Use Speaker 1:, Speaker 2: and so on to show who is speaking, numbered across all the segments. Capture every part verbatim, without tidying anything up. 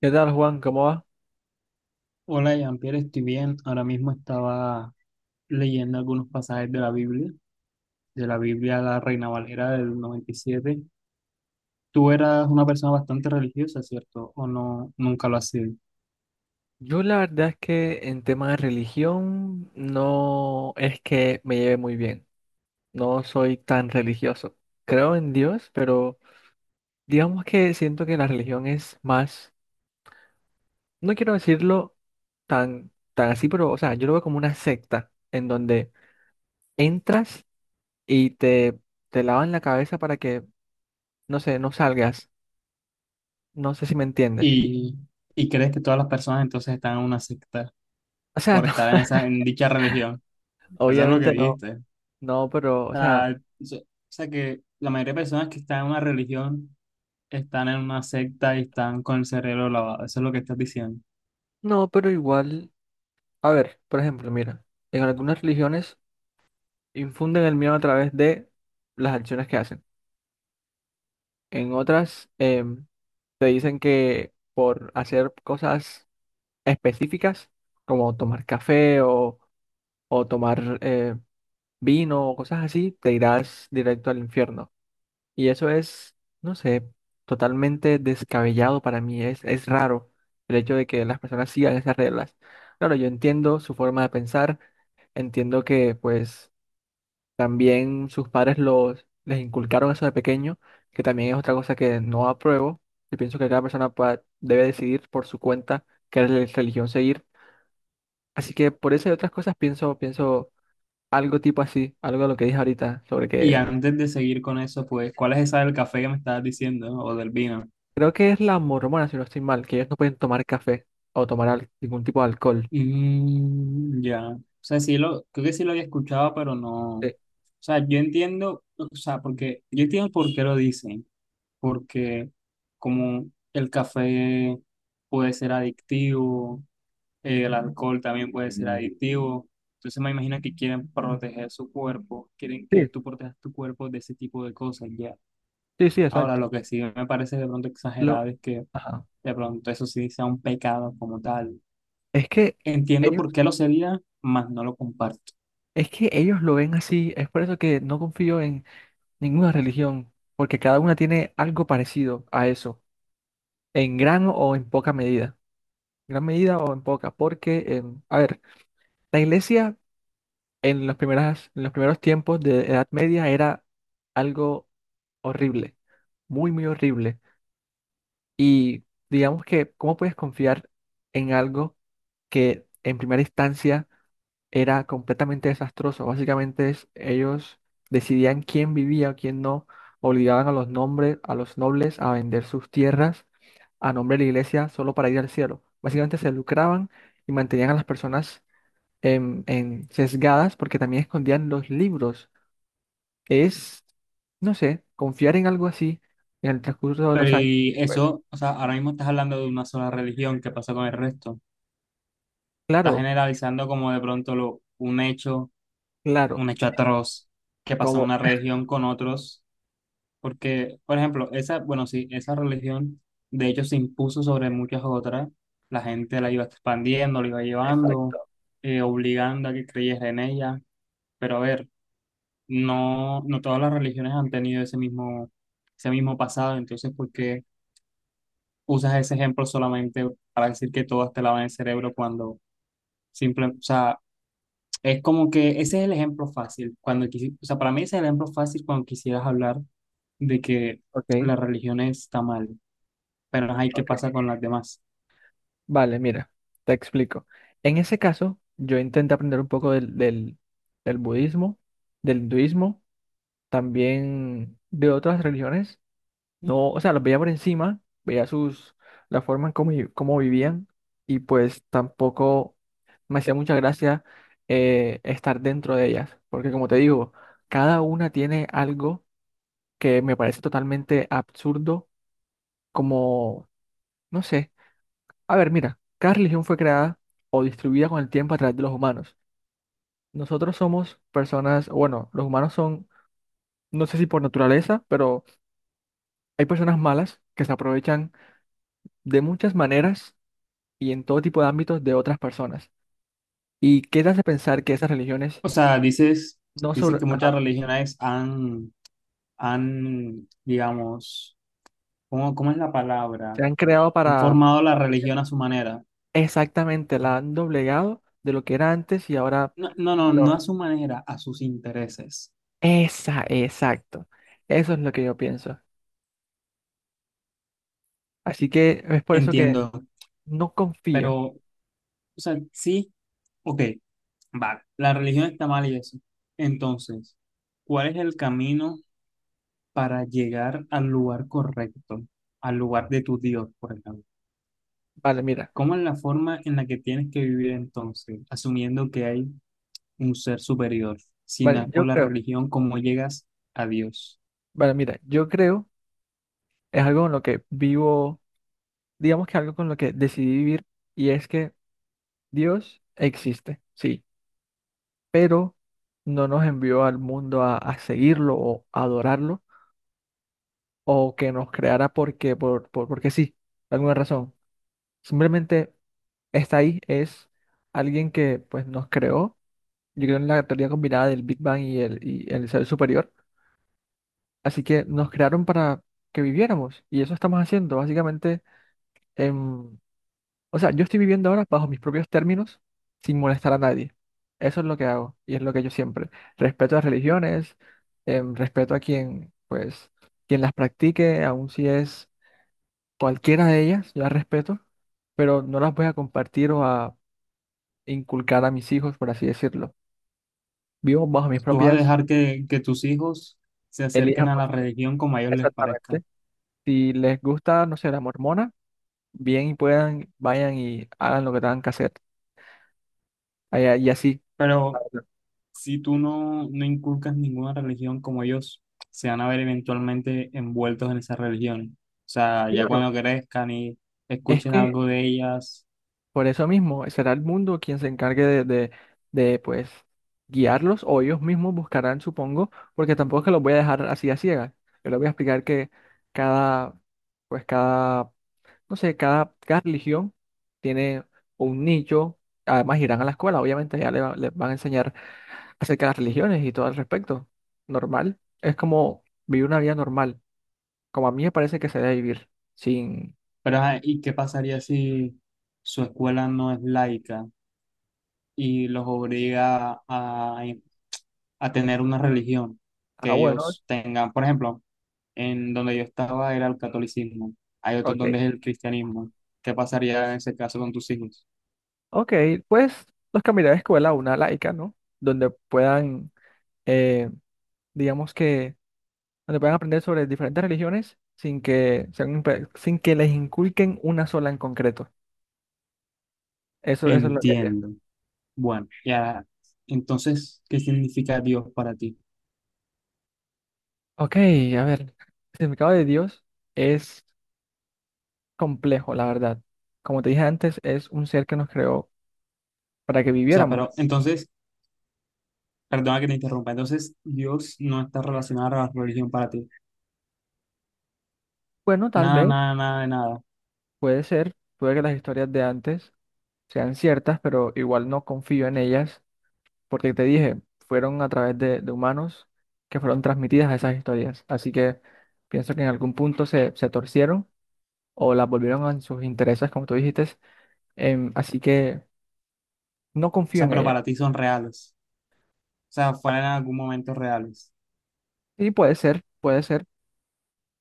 Speaker 1: ¿Qué tal, Juan? ¿Cómo va?
Speaker 2: Hola, Jean-Pierre, estoy bien. Ahora mismo estaba leyendo algunos pasajes de la Biblia, de la Biblia La Reina Valera del noventa y siete. Tú eras una persona bastante religiosa, ¿cierto? ¿O no, nunca lo has sido?
Speaker 1: Yo la verdad es que en tema de religión no es que me lleve muy bien. No soy tan religioso. Creo en Dios, pero digamos que siento que la religión es más, no quiero decirlo tan, tan así, pero o sea, yo lo veo como una secta en donde entras y te, te lavan la cabeza para que, no sé, no salgas. No sé si me entiendes.
Speaker 2: ¿Y, y crees que todas las personas entonces están en una secta
Speaker 1: O sea,
Speaker 2: por
Speaker 1: no,
Speaker 2: estar en esa, en dicha religión? Eso es lo que
Speaker 1: obviamente no,
Speaker 2: dijiste. O
Speaker 1: no, pero, o sea,
Speaker 2: sea, so- o sea que la mayoría de personas que están en una religión están en una secta y están con el cerebro lavado. Eso es lo que estás diciendo.
Speaker 1: no, pero igual. A ver, por ejemplo, mira, en algunas religiones infunden el miedo a través de las acciones que hacen. En otras em, te dicen que por hacer cosas específicas, como tomar café o, o tomar eh, vino o cosas así, te irás directo al infierno. Y eso es, no sé, totalmente descabellado para mí. Es, es raro el hecho de que las personas sigan esas reglas. Claro, yo entiendo su forma de pensar, entiendo que pues también sus padres los, les inculcaron eso de pequeño, que también es otra cosa que no apruebo. Yo pienso que cada persona pueda- debe decidir por su cuenta qué re- religión seguir. Así que por eso y otras cosas pienso, pienso algo tipo así, algo de lo que dije ahorita, sobre
Speaker 2: Y
Speaker 1: que
Speaker 2: antes de seguir con eso, pues, ¿cuál es esa del café que me estabas diciendo o del vino?
Speaker 1: creo que es la mormona, si no estoy mal, que ellos no pueden tomar café o tomar al- ningún tipo de alcohol.
Speaker 2: Mm, ya. O sea, sí lo, creo que sí lo había escuchado, pero no. O
Speaker 1: Eh,
Speaker 2: sea, yo entiendo, o sea, porque yo entiendo por qué lo dicen, porque como el café puede ser adictivo, eh, el alcohol también puede ser adictivo, entonces me imagino que quieren proteger su cuerpo, quieren
Speaker 1: Sí,
Speaker 2: que tú protejas tu cuerpo de ese tipo de cosas, ya.
Speaker 1: sí, sí,
Speaker 2: Ahora,
Speaker 1: exacto.
Speaker 2: lo que sí me parece de pronto exagerado
Speaker 1: Lo,
Speaker 2: es que
Speaker 1: ajá.
Speaker 2: de pronto eso sí sea un pecado como tal.
Speaker 1: Es que
Speaker 2: Entiendo
Speaker 1: ellos,
Speaker 2: por qué lo sería, mas no lo comparto.
Speaker 1: es que ellos lo ven así, es por eso que no confío en ninguna religión, porque cada una tiene algo parecido a eso, en gran o en poca medida. Gran medida o en poca, porque, em, a ver, la iglesia en los primeras, en los primeros tiempos de Edad Media era algo horrible, muy, muy horrible. Y digamos que, ¿cómo puedes confiar en algo que en primera instancia era completamente desastroso? Básicamente es- ellos decidían quién vivía o quién no, obligaban a los nombres, a los nobles a vender sus tierras a nombre de la iglesia solo para ir al cielo. Básicamente se lucraban y mantenían a las personas en, en sesgadas porque también escondían los libros. Es, no sé, confiar en algo así en el transcurso de
Speaker 2: Pero
Speaker 1: los años.
Speaker 2: y
Speaker 1: Pues
Speaker 2: eso, o sea, ahora mismo estás hablando de una sola religión, ¿qué pasa con el resto? Estás
Speaker 1: claro,
Speaker 2: generalizando como de pronto lo, un hecho,
Speaker 1: claro,
Speaker 2: un hecho atroz que pasa en
Speaker 1: como,
Speaker 2: una religión con otros, porque, por ejemplo, esa, bueno, sí, esa religión de hecho se impuso sobre muchas otras, la gente la iba expandiendo, la iba llevando,
Speaker 1: exacto,
Speaker 2: eh, obligando a que creyes en ella, pero a ver. no, no todas las religiones han tenido ese mismo, ese mismo pasado, entonces, ¿por qué usas ese ejemplo solamente para decir que todas te lavan el cerebro cuando simple, o sea, es como que ese es el ejemplo fácil, cuando quisi- o sea, para mí ese es el ejemplo fácil cuando quisieras hablar de que
Speaker 1: ok,
Speaker 2: la religión está mal, pero hay ¿qué
Speaker 1: ok.
Speaker 2: pasa con las demás?
Speaker 1: Vale, mira, te explico. En ese caso, yo intenté aprender un poco del, del, del budismo, del hinduismo, también de otras religiones. No, o sea, los veía por encima, veía sus, la forma en cómo, vi- cómo vivían y pues tampoco me hacía mucha gracia eh, estar dentro de ellas, porque como te digo, cada una tiene algo que me parece totalmente absurdo, como, no sé. A ver, mira, cada religión fue creada o distribuida con el tiempo a través de los humanos. Nosotros somos personas, o bueno, los humanos son, no sé si por naturaleza, pero hay personas malas que se aprovechan de muchas maneras y en todo tipo de ámbitos de otras personas. ¿Y qué te hace pensar que esas religiones
Speaker 2: O sea, dices,
Speaker 1: no
Speaker 2: dices
Speaker 1: sobre,
Speaker 2: que muchas
Speaker 1: ajá,
Speaker 2: religiones han, han, digamos, ¿cómo, cómo es la
Speaker 1: se
Speaker 2: palabra?
Speaker 1: han creado
Speaker 2: Han
Speaker 1: para
Speaker 2: formado la religión a su manera.
Speaker 1: exactamente, la han doblegado de lo que era antes y ahora
Speaker 2: No, no, no, no a
Speaker 1: lo...
Speaker 2: su manera, a sus intereses.
Speaker 1: Esa, exacto. Eso es lo que yo pienso. Así que es por eso
Speaker 2: Entiendo,
Speaker 1: que no
Speaker 2: pero,
Speaker 1: confío.
Speaker 2: o sea, sí, ok, vale, la religión está mal y eso. Entonces, ¿cuál es el camino para llegar al lugar correcto, al lugar de tu Dios, por ejemplo?
Speaker 1: Vale, mira,
Speaker 2: ¿Cómo es la forma en la que tienes que vivir entonces, asumiendo que hay un ser superior? Si no
Speaker 1: vale,
Speaker 2: es por
Speaker 1: yo
Speaker 2: la
Speaker 1: creo,
Speaker 2: religión, ¿cómo llegas a Dios?
Speaker 1: vale, mira, yo creo es algo con lo que vivo, digamos que algo con lo que decidí vivir y es que Dios existe, sí, pero no nos envió al mundo a, a seguirlo o adorarlo o que nos creara porque, por, por- porque sí, por alguna razón. Simplemente está ahí, es alguien que pues nos creó, yo creo en la teoría combinada del Big Bang y el, y el ser superior, así que nos crearon para que viviéramos y eso estamos haciendo, básicamente em, o sea, yo estoy viviendo ahora bajo mis propios términos, sin molestar a nadie. Eso es lo que hago y es lo que yo siempre. Respeto las religiones, em, respeto a quien, pues, quien las practique, aun si es cualquiera de ellas, yo las respeto, pero no las voy a compartir o a inculcar a mis hijos, por así decirlo. Vivo bajo mis
Speaker 2: ¿Tú vas a
Speaker 1: propias,
Speaker 2: dejar que, que, tus hijos se acerquen
Speaker 1: elijan
Speaker 2: a
Speaker 1: por
Speaker 2: la
Speaker 1: sí mismos.
Speaker 2: religión como a ellos les parezca?
Speaker 1: Exactamente. Si les gusta, no sé, la mormona, bien y puedan, vayan y hagan lo que tengan que hacer. Ay- Y así.
Speaker 2: Pero si tú no, no inculcas ninguna religión como ellos, se van a ver eventualmente envueltos en esas religiones. O sea, ya
Speaker 1: Claro.
Speaker 2: cuando crezcan y
Speaker 1: Es
Speaker 2: escuchen
Speaker 1: que
Speaker 2: algo de ellas.
Speaker 1: por eso mismo será el mundo quien se encargue de, de, de, pues guiarlos o ellos mismos buscarán, supongo, porque tampoco es que los voy a dejar así a ciegas. Yo les voy a explicar que cada, pues cada, no sé, cada, cada religión tiene un nicho. Además irán a la escuela, obviamente ya le va- les van a enseñar acerca de las religiones y todo al respecto. Normal. Es como vivir una vida normal, como a mí me parece que se debe vivir, sin...
Speaker 2: Pero, ajá, ¿y qué pasaría si su escuela no es laica y los obliga a, a tener una religión
Speaker 1: Ah,
Speaker 2: que
Speaker 1: bueno,
Speaker 2: ellos tengan? Por ejemplo, en donde yo estaba era el catolicismo, hay otros
Speaker 1: ok.
Speaker 2: donde es el cristianismo. ¿Qué pasaría en ese caso con tus hijos?
Speaker 1: Ok, pues los cambiaré de escuela a una laica, ¿no? Donde puedan, eh, digamos que, donde puedan aprender sobre diferentes religiones sin que, sean impe- sin que les inculquen una sola en concreto. Eso, eso es lo que haría.
Speaker 2: Entiendo. Bueno, ya. Entonces, ¿qué significa Dios para ti?
Speaker 1: Ok, a ver, el significado de Dios es complejo, la verdad. Como te dije antes, es un ser que nos creó para que
Speaker 2: O sea,
Speaker 1: viviéramos.
Speaker 2: pero entonces, perdona que te interrumpa. Entonces, Dios no está relacionado a la religión para ti.
Speaker 1: Bueno, tal
Speaker 2: Nada,
Speaker 1: vez,
Speaker 2: nada, nada de nada. O
Speaker 1: puede ser, puede que las historias de antes sean ciertas, pero igual no confío en ellas porque te dije, fueron a través de, de humanos que fueron transmitidas esas historias. Así que pienso que en algún punto se, se torcieron o las volvieron a sus intereses, como tú dijiste. Em, así que no confío
Speaker 2: sea,
Speaker 1: en
Speaker 2: pero
Speaker 1: ella.
Speaker 2: para ti son reales. O sea, fueron en algún momento reales.
Speaker 1: Y puede ser, puede ser,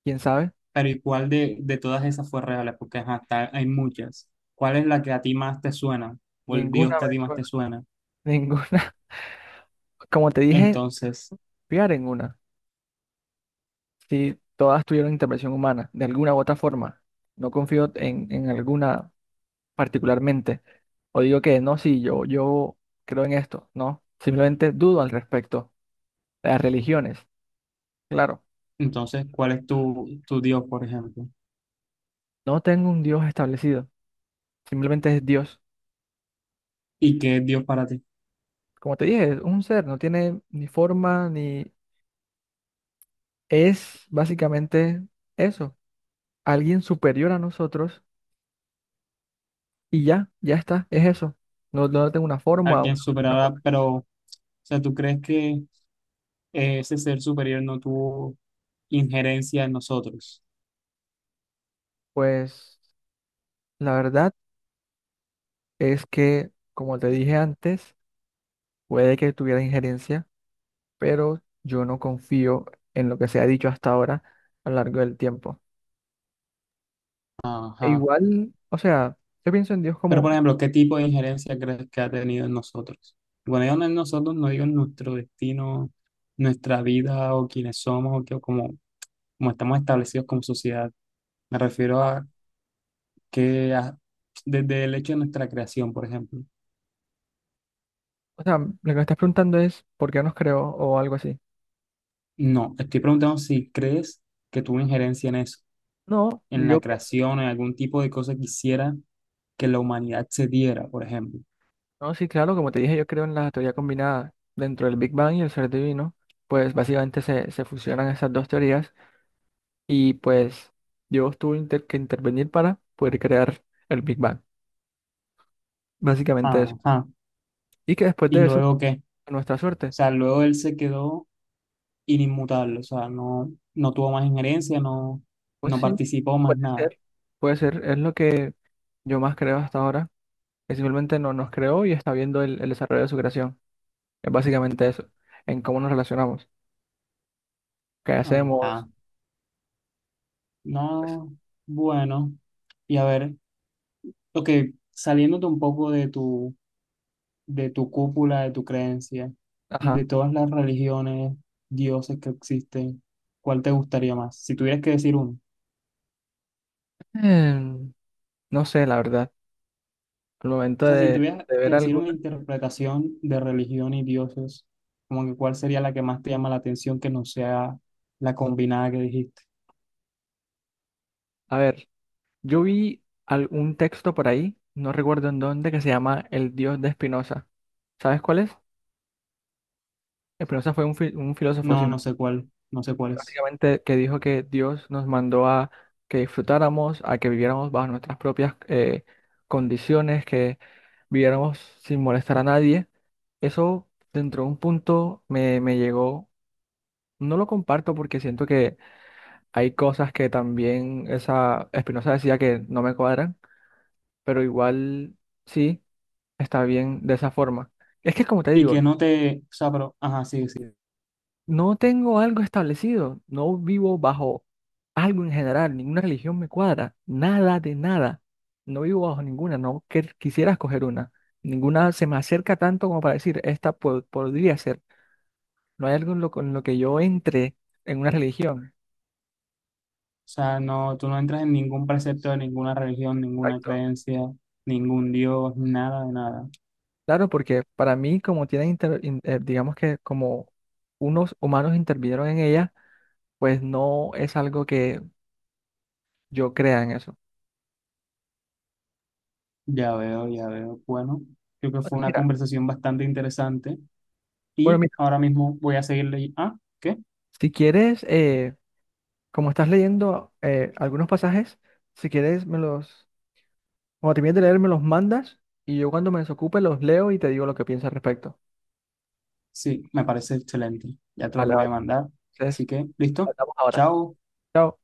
Speaker 1: quién sabe.
Speaker 2: Pero ¿y cuál de, de todas esas fue real? Porque ajá, está- hay muchas. ¿Cuál es la que a ti más te suena? O el Dios
Speaker 1: Ninguna
Speaker 2: que a
Speaker 1: me
Speaker 2: ti más te
Speaker 1: suena,
Speaker 2: suena.
Speaker 1: ninguna. Como te dije,
Speaker 2: Entonces,
Speaker 1: fiar en una. Si todas tuvieron intervención humana, de alguna u otra forma. No confío en, en alguna particularmente. O digo que no, sí, yo, yo creo en esto, no. Simplemente dudo al respecto. Las religiones, claro,
Speaker 2: entonces, ¿cuál es tu, tu Dios, por ejemplo?
Speaker 1: no tengo un Dios establecido, simplemente es Dios.
Speaker 2: ¿Y qué es Dios para ti?
Speaker 1: Como te dije, es un ser, no tiene ni forma ni... Es básicamente eso, alguien superior a nosotros y ya, ya está, es eso. No, no tengo una forma,
Speaker 2: Alguien
Speaker 1: una una
Speaker 2: superará,
Speaker 1: forma.
Speaker 2: pero, o sea, ¿tú crees que ese ser superior no tuvo injerencia en nosotros.
Speaker 1: Pues la verdad es que, como te dije antes, puede que tuviera injerencia pero yo no confío en lo que se ha dicho hasta ahora a lo largo del tiempo. E
Speaker 2: Ajá.
Speaker 1: igual, o sea, yo pienso en Dios
Speaker 2: Pero,
Speaker 1: como,
Speaker 2: por ejemplo, ¿qué tipo de injerencia crees que ha tenido en nosotros? Bueno, yo no en nosotros, no digo en nuestro destino, nuestra vida o quiénes somos o, que, o como, como estamos establecidos como sociedad. Me refiero a que a- desde el hecho de nuestra creación, por ejemplo.
Speaker 1: o sea, lo que me estás preguntando es por qué nos creó o algo así.
Speaker 2: No, estoy preguntando si crees que tuvo injerencia en eso,
Speaker 1: No,
Speaker 2: en la
Speaker 1: yo pienso.
Speaker 2: creación, en algún tipo de cosa que hiciera que la humanidad se diera, por ejemplo.
Speaker 1: No, sí, claro, como te dije, yo creo en la teoría combinada dentro del Big Bang y el ser divino, pues básicamente se, se fusionan esas dos teorías y pues Dios tuvo inter- que intervenir para poder crear el Big Bang. Básicamente eso.
Speaker 2: Ajá.
Speaker 1: Y que después
Speaker 2: ¿Y
Speaker 1: de eso,
Speaker 2: luego qué? O
Speaker 1: a nuestra suerte.
Speaker 2: sea, luego él se quedó inmutable, o sea, no, no tuvo más injerencia, no,
Speaker 1: Pues
Speaker 2: no
Speaker 1: sí,
Speaker 2: participó más
Speaker 1: puede
Speaker 2: nada.
Speaker 1: ser. Puede ser, es lo que yo más creo hasta ahora, que simplemente no nos creó y está viendo el, el desarrollo de su creación. Es básicamente eso, en cómo nos relacionamos, qué
Speaker 2: Ajá.
Speaker 1: hacemos, pues,
Speaker 2: No, bueno. Y a ver, ok, saliéndote un poco de tu, de tu cúpula, de tu creencia, de
Speaker 1: ajá.
Speaker 2: todas las religiones, dioses que existen, ¿cuál te gustaría más? Si tuvieras que decir uno.
Speaker 1: Em, no sé, la verdad, al
Speaker 2: O
Speaker 1: momento
Speaker 2: sea, si
Speaker 1: de,
Speaker 2: tuvieras
Speaker 1: de
Speaker 2: que
Speaker 1: ver
Speaker 2: decir una
Speaker 1: alguna.
Speaker 2: interpretación de religión y dioses, como que cuál sería la que más te llama la atención que no sea la combinada que dijiste.
Speaker 1: A ver, yo vi algún texto por ahí, no recuerdo en dónde, que se llama El Dios de Spinoza. ¿Sabes cuál es? Spinoza fue un, fi- un filósofo, si
Speaker 2: No,
Speaker 1: no
Speaker 2: no sé cuál, no sé cuál es.
Speaker 1: básicamente que dijo que Dios nos mandó a que disfrutáramos, a que viviéramos bajo nuestras propias eh, condiciones, que viviéramos sin molestar a nadie. Eso dentro de un punto me, me llegó. No lo comparto porque siento que hay cosas que también esa Espinosa decía que no me cuadran, pero igual sí está bien de esa forma. Es que como te
Speaker 2: Y
Speaker 1: digo,
Speaker 2: que no te, o sea, pero, ajá, sí, sí. O
Speaker 1: no tengo algo establecido, no vivo bajo algo en general, ninguna religión me cuadra, nada de nada. No vivo bajo ninguna, no que- quisiera escoger una. Ninguna se me acerca tanto como para decir, esta po- podría ser. No hay algo en lo, con lo que yo entre en una religión.
Speaker 2: sea, no, tú no entras en ningún precepto de ninguna religión, ninguna
Speaker 1: Exacto.
Speaker 2: creencia, ningún dios, nada de nada.
Speaker 1: Claro, porque para mí, como tienen, inter- in- eh, digamos que como unos humanos intervinieron en ella, pues no es algo que yo crea en eso.
Speaker 2: Ya veo, ya veo. Bueno, creo que
Speaker 1: O
Speaker 2: fue una
Speaker 1: mira,
Speaker 2: conversación bastante interesante
Speaker 1: bueno,
Speaker 2: y
Speaker 1: mira,
Speaker 2: ahora mismo voy a seguirle. Ah, ¿qué?
Speaker 1: si quieres... eh, Como estás leyendo eh, algunos pasajes, si quieres me los, cuando termines de leer, me los mandas y yo cuando me desocupe los leo y te digo lo que pienso al respecto.
Speaker 2: Sí, me parece excelente. Ya te los
Speaker 1: Vale,
Speaker 2: voy a
Speaker 1: vale.
Speaker 2: mandar. Así
Speaker 1: Entonces,
Speaker 2: que, listo.
Speaker 1: hablamos ahora.
Speaker 2: Chao.
Speaker 1: Chao.